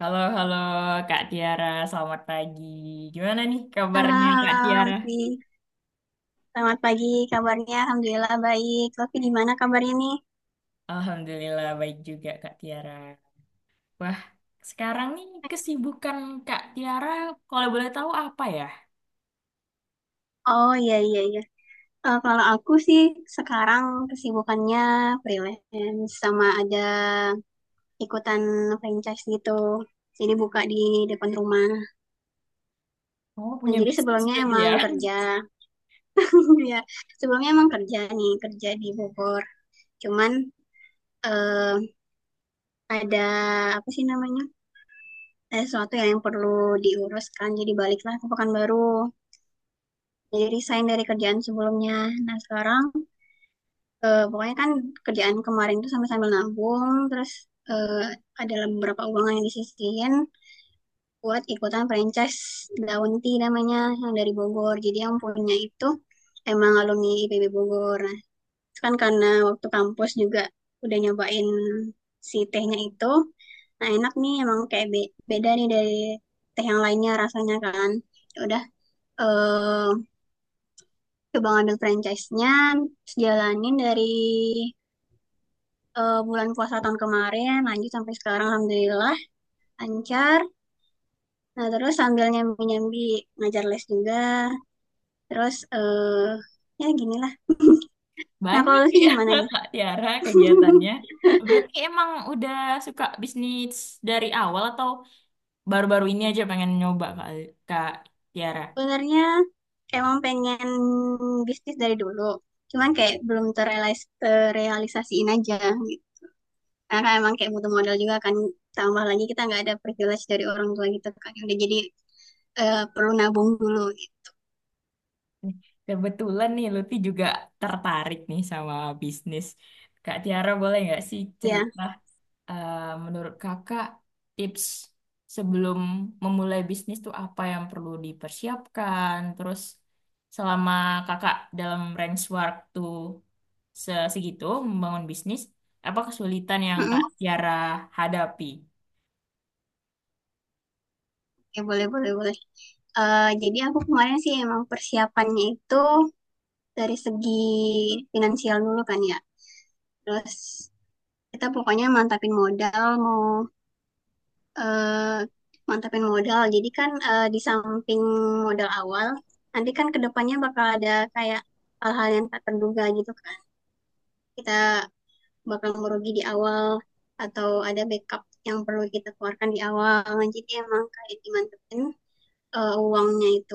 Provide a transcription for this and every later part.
Halo, halo Kak Tiara, selamat pagi. Gimana nih Halo, kabarnya Kak halo, Tiara? Lofi. Selamat pagi, kabarnya Alhamdulillah baik. Lofi, gimana kabarnya nih? Alhamdulillah baik juga Kak Tiara. Wah, sekarang nih kesibukan Kak Tiara kalau boleh tahu apa ya? Oh, iya, iya, iya. Kalau aku sih sekarang kesibukannya freelance sama ada ikutan franchise gitu. Jadi buka di depan rumah. Oh, Nah, punya jadi bisnis sebelumnya berarti emang ya? kerja. Ya, sebelumnya emang kerja nih, kerja di Bogor. Cuman eh ada apa sih namanya? Ada sesuatu yang perlu diuruskan. Jadi baliklah ke Pekanbaru. Jadi resign dari kerjaan sebelumnya. Nah sekarang pokoknya kan kerjaan kemarin tuh sambil-sambil nabung, terus eh, ada beberapa uang yang disisihin buat ikutan franchise Daun Tea namanya yang dari Bogor. Jadi yang punya itu emang alumni IPB Bogor. Nah, itu kan karena waktu kampus juga udah nyobain si tehnya itu. Nah enak nih emang kayak beda nih dari teh yang lainnya rasanya kan. Ya udah eh, coba ngambil franchise-nya, terus jalanin dari bulan puasa tahun kemarin, lanjut sampai sekarang Alhamdulillah, lancar. Nah, terus sambil nyambi-nyambi ngajar les juga, terus ya ginilah. Nah, kalau Banyak Lutfi ya gimana nih? Kak Tiara kegiatannya. Berarti emang udah suka bisnis dari awal atau baru-baru ini aja pengen nyoba Kak, Kak Tiara? Sebenarnya emang pengen bisnis dari dulu, cuman kayak belum terrealisasiin aja. Karena emang kayak butuh modal juga kan. Tambah lagi kita nggak ada privilege dari orang tua gitu kan. Udah jadi perlu nabung dulu. Gitu. Nih, kebetulan nih Lutfi juga tertarik nih sama bisnis. Kak Tiara boleh nggak sih Ya, cerita eh, menurut kakak tips sebelum memulai bisnis tuh apa yang perlu dipersiapkan? Terus selama kakak dalam range waktu segitu membangun bisnis, apa kesulitan yang Kak mm-mm. Tiara hadapi? Ya, boleh boleh boleh. Jadi aku kemarin sih emang persiapannya itu dari segi finansial dulu kan ya. Terus kita pokoknya mantapin modal mau mantapin modal. Jadi kan di samping modal awal, nanti kan kedepannya bakal ada kayak hal-hal yang tak terduga gitu kan. Kita bakal merugi di awal atau ada backup yang perlu kita keluarkan di awal. Jadi emang kayak dimantepin uangnya itu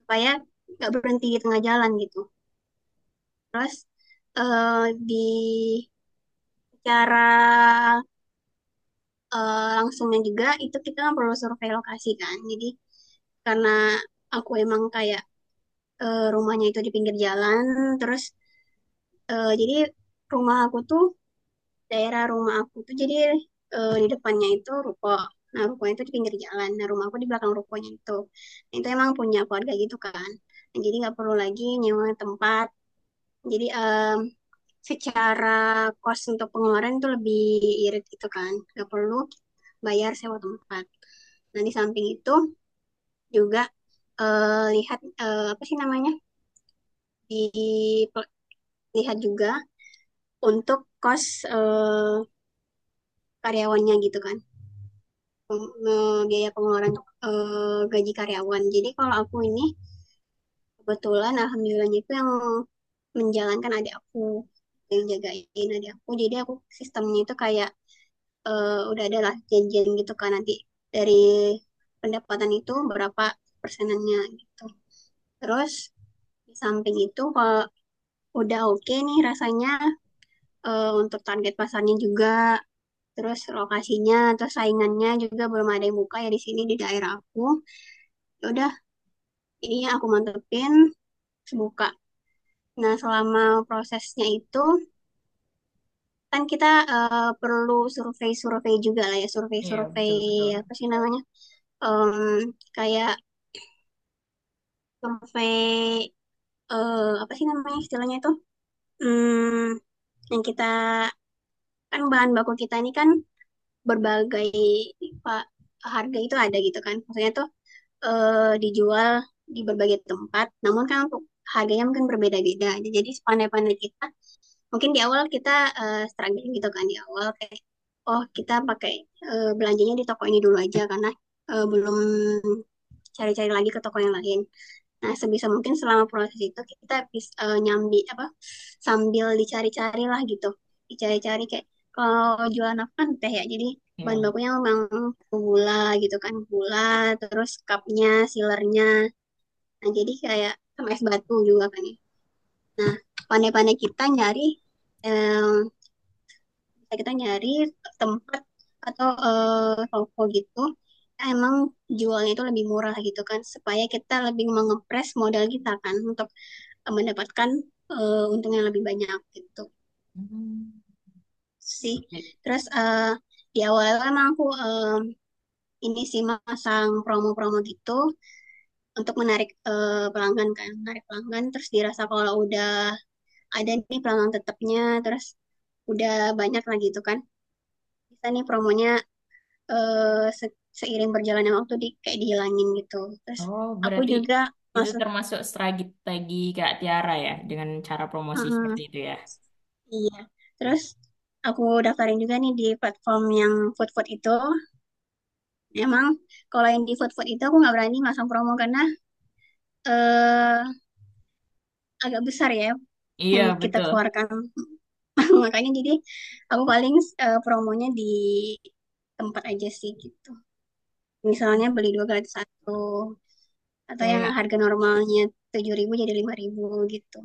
supaya nggak berhenti di tengah jalan gitu. Terus eh, di cara langsungnya juga itu kita kan perlu survei lokasi kan. Jadi karena aku emang kayak rumahnya itu di pinggir jalan, terus jadi rumah aku tuh daerah rumah aku tuh jadi di depannya itu ruko. Nah, rukonya itu di pinggir jalan. Nah, rumah aku di belakang rukonya itu. Nah, itu emang punya keluarga gitu kan. Nah, jadi nggak perlu lagi nyewa tempat. Jadi secara kos untuk pengeluaran itu lebih irit gitu kan. Nggak perlu bayar sewa tempat. Nah, di samping itu juga lihat apa sih namanya? Di lihat juga untuk kos eh, karyawannya gitu kan. Biaya pengeluaran gaji karyawan. Jadi kalau aku ini kebetulan alhamdulillahnya itu yang menjalankan adik aku yang jagain adik aku. Jadi aku sistemnya itu kayak udah ada lah janjian gitu kan nanti dari pendapatan itu berapa persenannya gitu. Terus di samping itu kalau udah oke okay nih rasanya untuk target pasarnya juga terus lokasinya terus saingannya juga belum ada yang buka ya di sini di daerah aku ya udah ini aku mantepin buka. Nah, selama prosesnya itu kan kita perlu survei-survei juga lah ya, Iya, survei-survei betul betul. apa sih namanya? Kayak survei apa sih namanya istilahnya itu? Hmm, yang kita kan bahan baku kita ini kan berbagai pak harga itu ada gitu kan. Maksudnya tuh dijual di berbagai tempat, namun kan untuk harganya mungkin berbeda-beda. Jadi sepandai-pandai kita mungkin di awal kita struggling gitu kan di awal kayak oh kita pakai belanjanya di toko ini dulu aja karena belum cari-cari lagi ke toko yang lain. Nah, sebisa mungkin selama proses itu kita bisa nyambi apa sambil dicari-cari lah gitu. Dicari-cari kayak kalau jualan apa kan teh ya. Jadi bahan Iya. bakunya memang gula gitu kan. Gula, terus cupnya, sealernya. Nah, jadi kayak sama es batu juga kan ya. Nah, pandai-pandai kita nyari em, kita nyari tempat atau toko gitu emang jualnya itu lebih murah gitu kan supaya kita lebih mengepres modal kita kan untuk mendapatkan untung yang lebih banyak gitu Hmm. sih. Terus di awal emang aku ini sih masang promo-promo gitu untuk menarik pelanggan kan, menarik pelanggan terus dirasa kalau udah ada nih pelanggan tetapnya terus udah banyak lagi itu kan. Bisa nih promonya seiring berjalannya waktu di kayak dihilangin gitu. Terus Oh, aku berarti juga itu masuk, termasuk strategi Kak Tiara ya, dengan cara promosi mm-mm, seperti itu ya. iya. Terus aku daftarin juga nih di platform yang food food itu. Emang kalau yang di food food itu aku nggak berani masang promo karena eh agak besar ya yang Iya, kita betul. keluarkan. Makanya jadi aku paling promonya di tempat aja sih gitu. Misalnya beli dua gratis satu atau yang Kayak harga normalnya 7.000 jadi 5.000 gitu.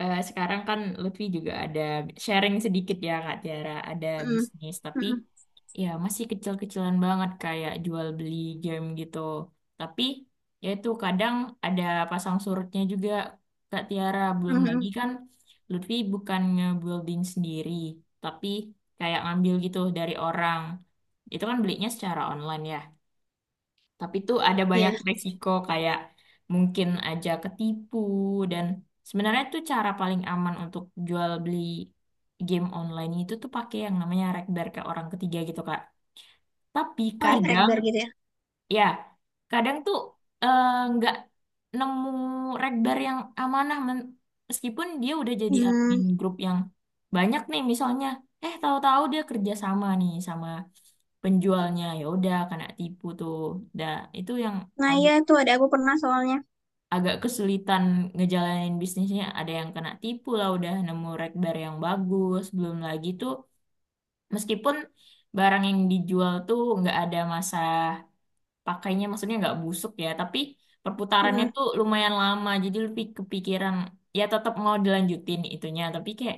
sekarang kan Lutfi juga ada sharing sedikit ya Kak Tiara, ada Mm, bisnis, tapi mm, ya masih kecil-kecilan banget kayak jual beli game gitu. Tapi ya itu kadang ada pasang surutnya juga Kak Tiara, belum mm, lagi mm. kan Lutfi bukan nge-building sendiri, tapi kayak ngambil gitu dari orang. Itu kan belinya secara online ya. Tapi tuh ada banyak Iya. resiko kayak mungkin aja ketipu dan sebenarnya tuh cara paling aman untuk jual beli game online itu tuh pakai yang namanya rekber ke orang ketiga gitu, Kak. Tapi Oh, kadang Rekber gitu ya. ya, kadang tuh eh, nggak nemu regbar yang amanah meskipun dia udah jadi admin Hmm. grup yang banyak nih misalnya, eh, tahu-tahu dia kerja sama nih sama penjualnya ya udah kena tipu tuh. Dah itu yang Nah, iya agak itu ada aku pernah soalnya. agak kesulitan ngejalanin bisnisnya. Ada yang kena tipu lah udah nemu regbar yang bagus, belum lagi tuh meskipun barang yang dijual tuh nggak ada masa pakainya, maksudnya nggak busuk ya, tapi Mm, perputarannya mm, tuh lumayan lama jadi lebih kepikiran. Ya tetap mau dilanjutin itunya, tapi kayak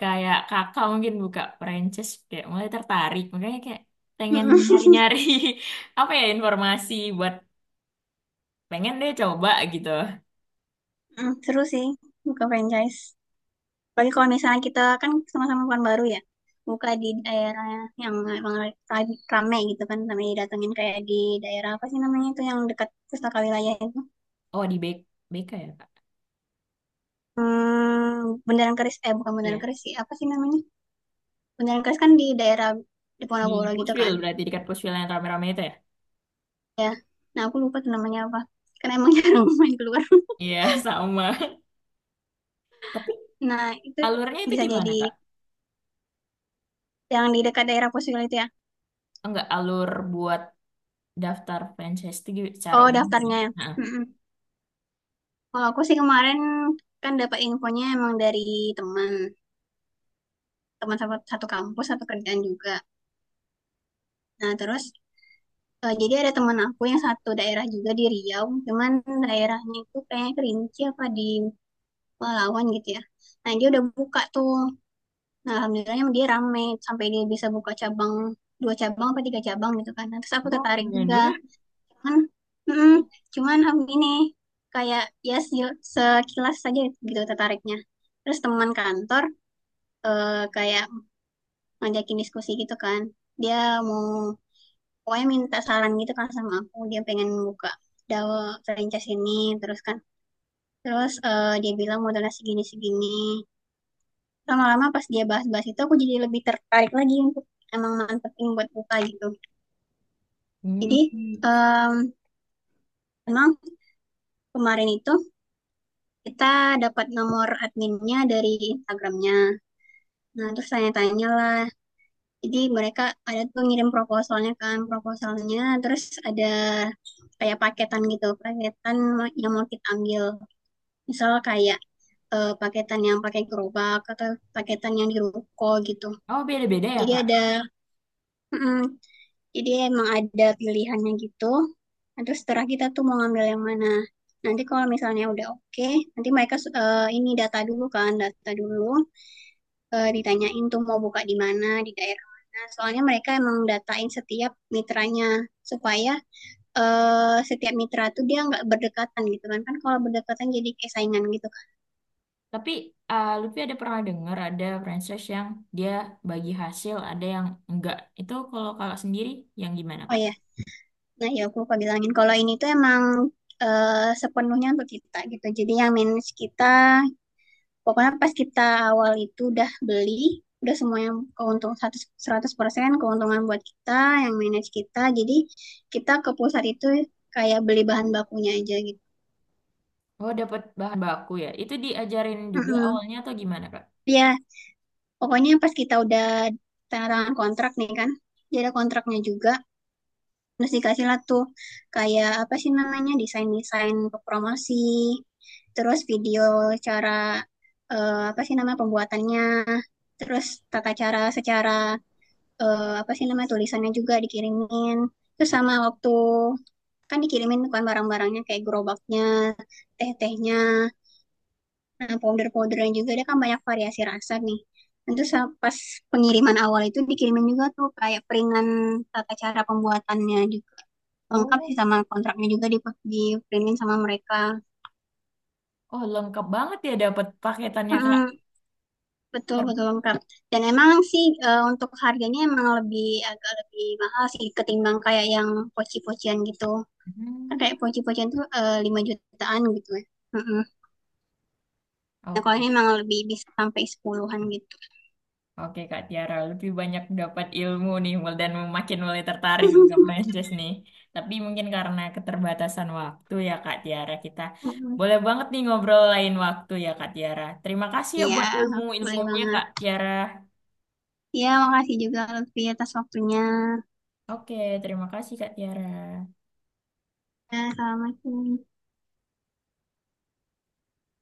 kayak kakak mungkin buka franchise kayak mulai tertarik, makanya kayak pengen mm, nyari-nyari apa ya informasi buat pengen deh coba gitu. mm. Seru sih buka franchise. Bagi kalau misalnya kita kan sama-sama bukan baru ya. Buka di daerah yang emang rame gitu kan sampai didatengin kayak di daerah apa sih namanya itu yang dekat pustaka wilayah itu. Oh di BK, BK ya kak? Hmm, Bundaran Keris eh bukan Bundaran Iya Keris sih, apa sih namanya? Bundaran Keris kan di daerah di di Diponegoro gitu Pushwill kan. berarti dekat Pushwill yang rame-rame itu ya. Ya. Nah, aku lupa tuh namanya apa. Karena emang jarang main keluar. Iya sama. Tapi Nah, itu alurnya itu bisa jadi gimana kak? yang di dekat daerah Posil itu ya. Enggak, alur buat daftar franchise itu secara Oh, umum daftarnya ya. gimana? Mm-mm. Kalau aku sih kemarin kan dapat infonya emang dari teman, teman satu kampus, satu kerjaan juga. Nah, terus jadi ada teman aku yang satu daerah juga di Riau, cuman daerahnya itu kayaknya Kerinci apa di Palawan gitu ya. Nah, dia udah buka tuh. Nah, alhamdulillahnya dia rame sampai dia bisa buka cabang dua cabang apa tiga cabang gitu kan. Nah, terus aku Oh, tertarik keren juga. juga. Cuman, mm, cuman aku ini kayak ya sekilas saja gitu tertariknya. Terus teman kantor kayak ngajakin diskusi gitu kan. Dia mau pokoknya minta saran gitu kan sama aku. Dia pengen buka DAO franchise ini terus kan. Terus dia bilang modalnya segini segini. Lama-lama pas dia bahas-bahas itu aku jadi lebih tertarik lagi untuk emang mantepin buat buka gitu. Hmm. Jadi em, emang kemarin itu kita dapat nomor adminnya dari Instagramnya. Nah, terus tanya-tanya lah. Jadi mereka ada tuh ngirim proposalnya kan, proposalnya. Terus ada kayak paketan gitu, paketan yang mau kita ambil. Misal kayak paketan yang pakai gerobak atau paketan yang di ruko gitu. Oh, beda-beda ya, Jadi ada, Kak. mm, jadi emang ada pilihannya gitu. Nah, terus setelah kita tuh mau ngambil yang mana. Nanti kalau misalnya udah oke, nanti mereka ini data dulu kan, data dulu. Ditanyain tuh mau buka di mana, di daerah mana. Soalnya mereka emang datain setiap mitranya supaya setiap mitra tuh dia nggak berdekatan gitu kan. Kan kalau berdekatan jadi kayak saingan gitu kan. Tapi eh, Lutfi ada pernah dengar ada franchise yang dia bagi hasil, ada yang enggak. Itu kalau Kakak sendiri yang gimana, Oh Kak? ya, nah ya aku lupa bilangin kalau ini tuh emang sepenuhnya untuk kita gitu. Jadi yang manage kita, pokoknya pas kita awal itu udah beli, udah semuanya yang keuntung 100%, 100% keuntungan buat kita, yang manage kita. Jadi kita ke pusat itu kayak beli bahan bakunya aja gitu. Oh, dapat bahan baku ya. Itu diajarin juga Mm-mm. awalnya atau gimana, Kak? Ya, pokoknya pas kita udah tanda tangan kontrak nih kan, jadi ada kontraknya juga, terus dikasih lah tuh kayak apa sih namanya desain-desain untuk promosi, terus video cara apa sih nama pembuatannya, terus tata cara secara apa sih nama tulisannya juga dikirimin, terus sama waktu kan dikirimin bukan barang-barangnya kayak gerobaknya, teh-tehnya. Nah, powder-powderan juga dia kan banyak variasi rasa nih. Pas pengiriman awal itu dikirimin juga tuh kayak peringan tata cara pembuatannya juga. Lengkap Oh, sih sama kontraknya juga diprintin sama mereka. oh lengkap banget ya dapat paketannya, Kak. Mm, betul Per- betul lengkap. Dan emang sih untuk harganya emang lebih agak lebih mahal sih ketimbang kayak yang poci-pocian gitu. Kan kayak Hmm. poci-pocian tuh 5 jutaan gitu ya. Mm-mm. Nah, kalau ini Oke. emang lebih bisa sampai sepuluhan an gitu. Oke Kak Tiara, lebih banyak dapat ilmu nih dan makin mulai tertarik juga Prancis nih. Tapi mungkin karena keterbatasan waktu ya Kak Tiara, kita Mm-mm. boleh banget nih ngobrol lain waktu ya Kak Tiara. Terima kasih ya Iya, buat boleh ilmu-ilmunya banget. Kak Tiara. Iya, makasih juga Lutfi atas waktunya. Oke, terima kasih Kak Tiara. Ya, Assalamualaikum.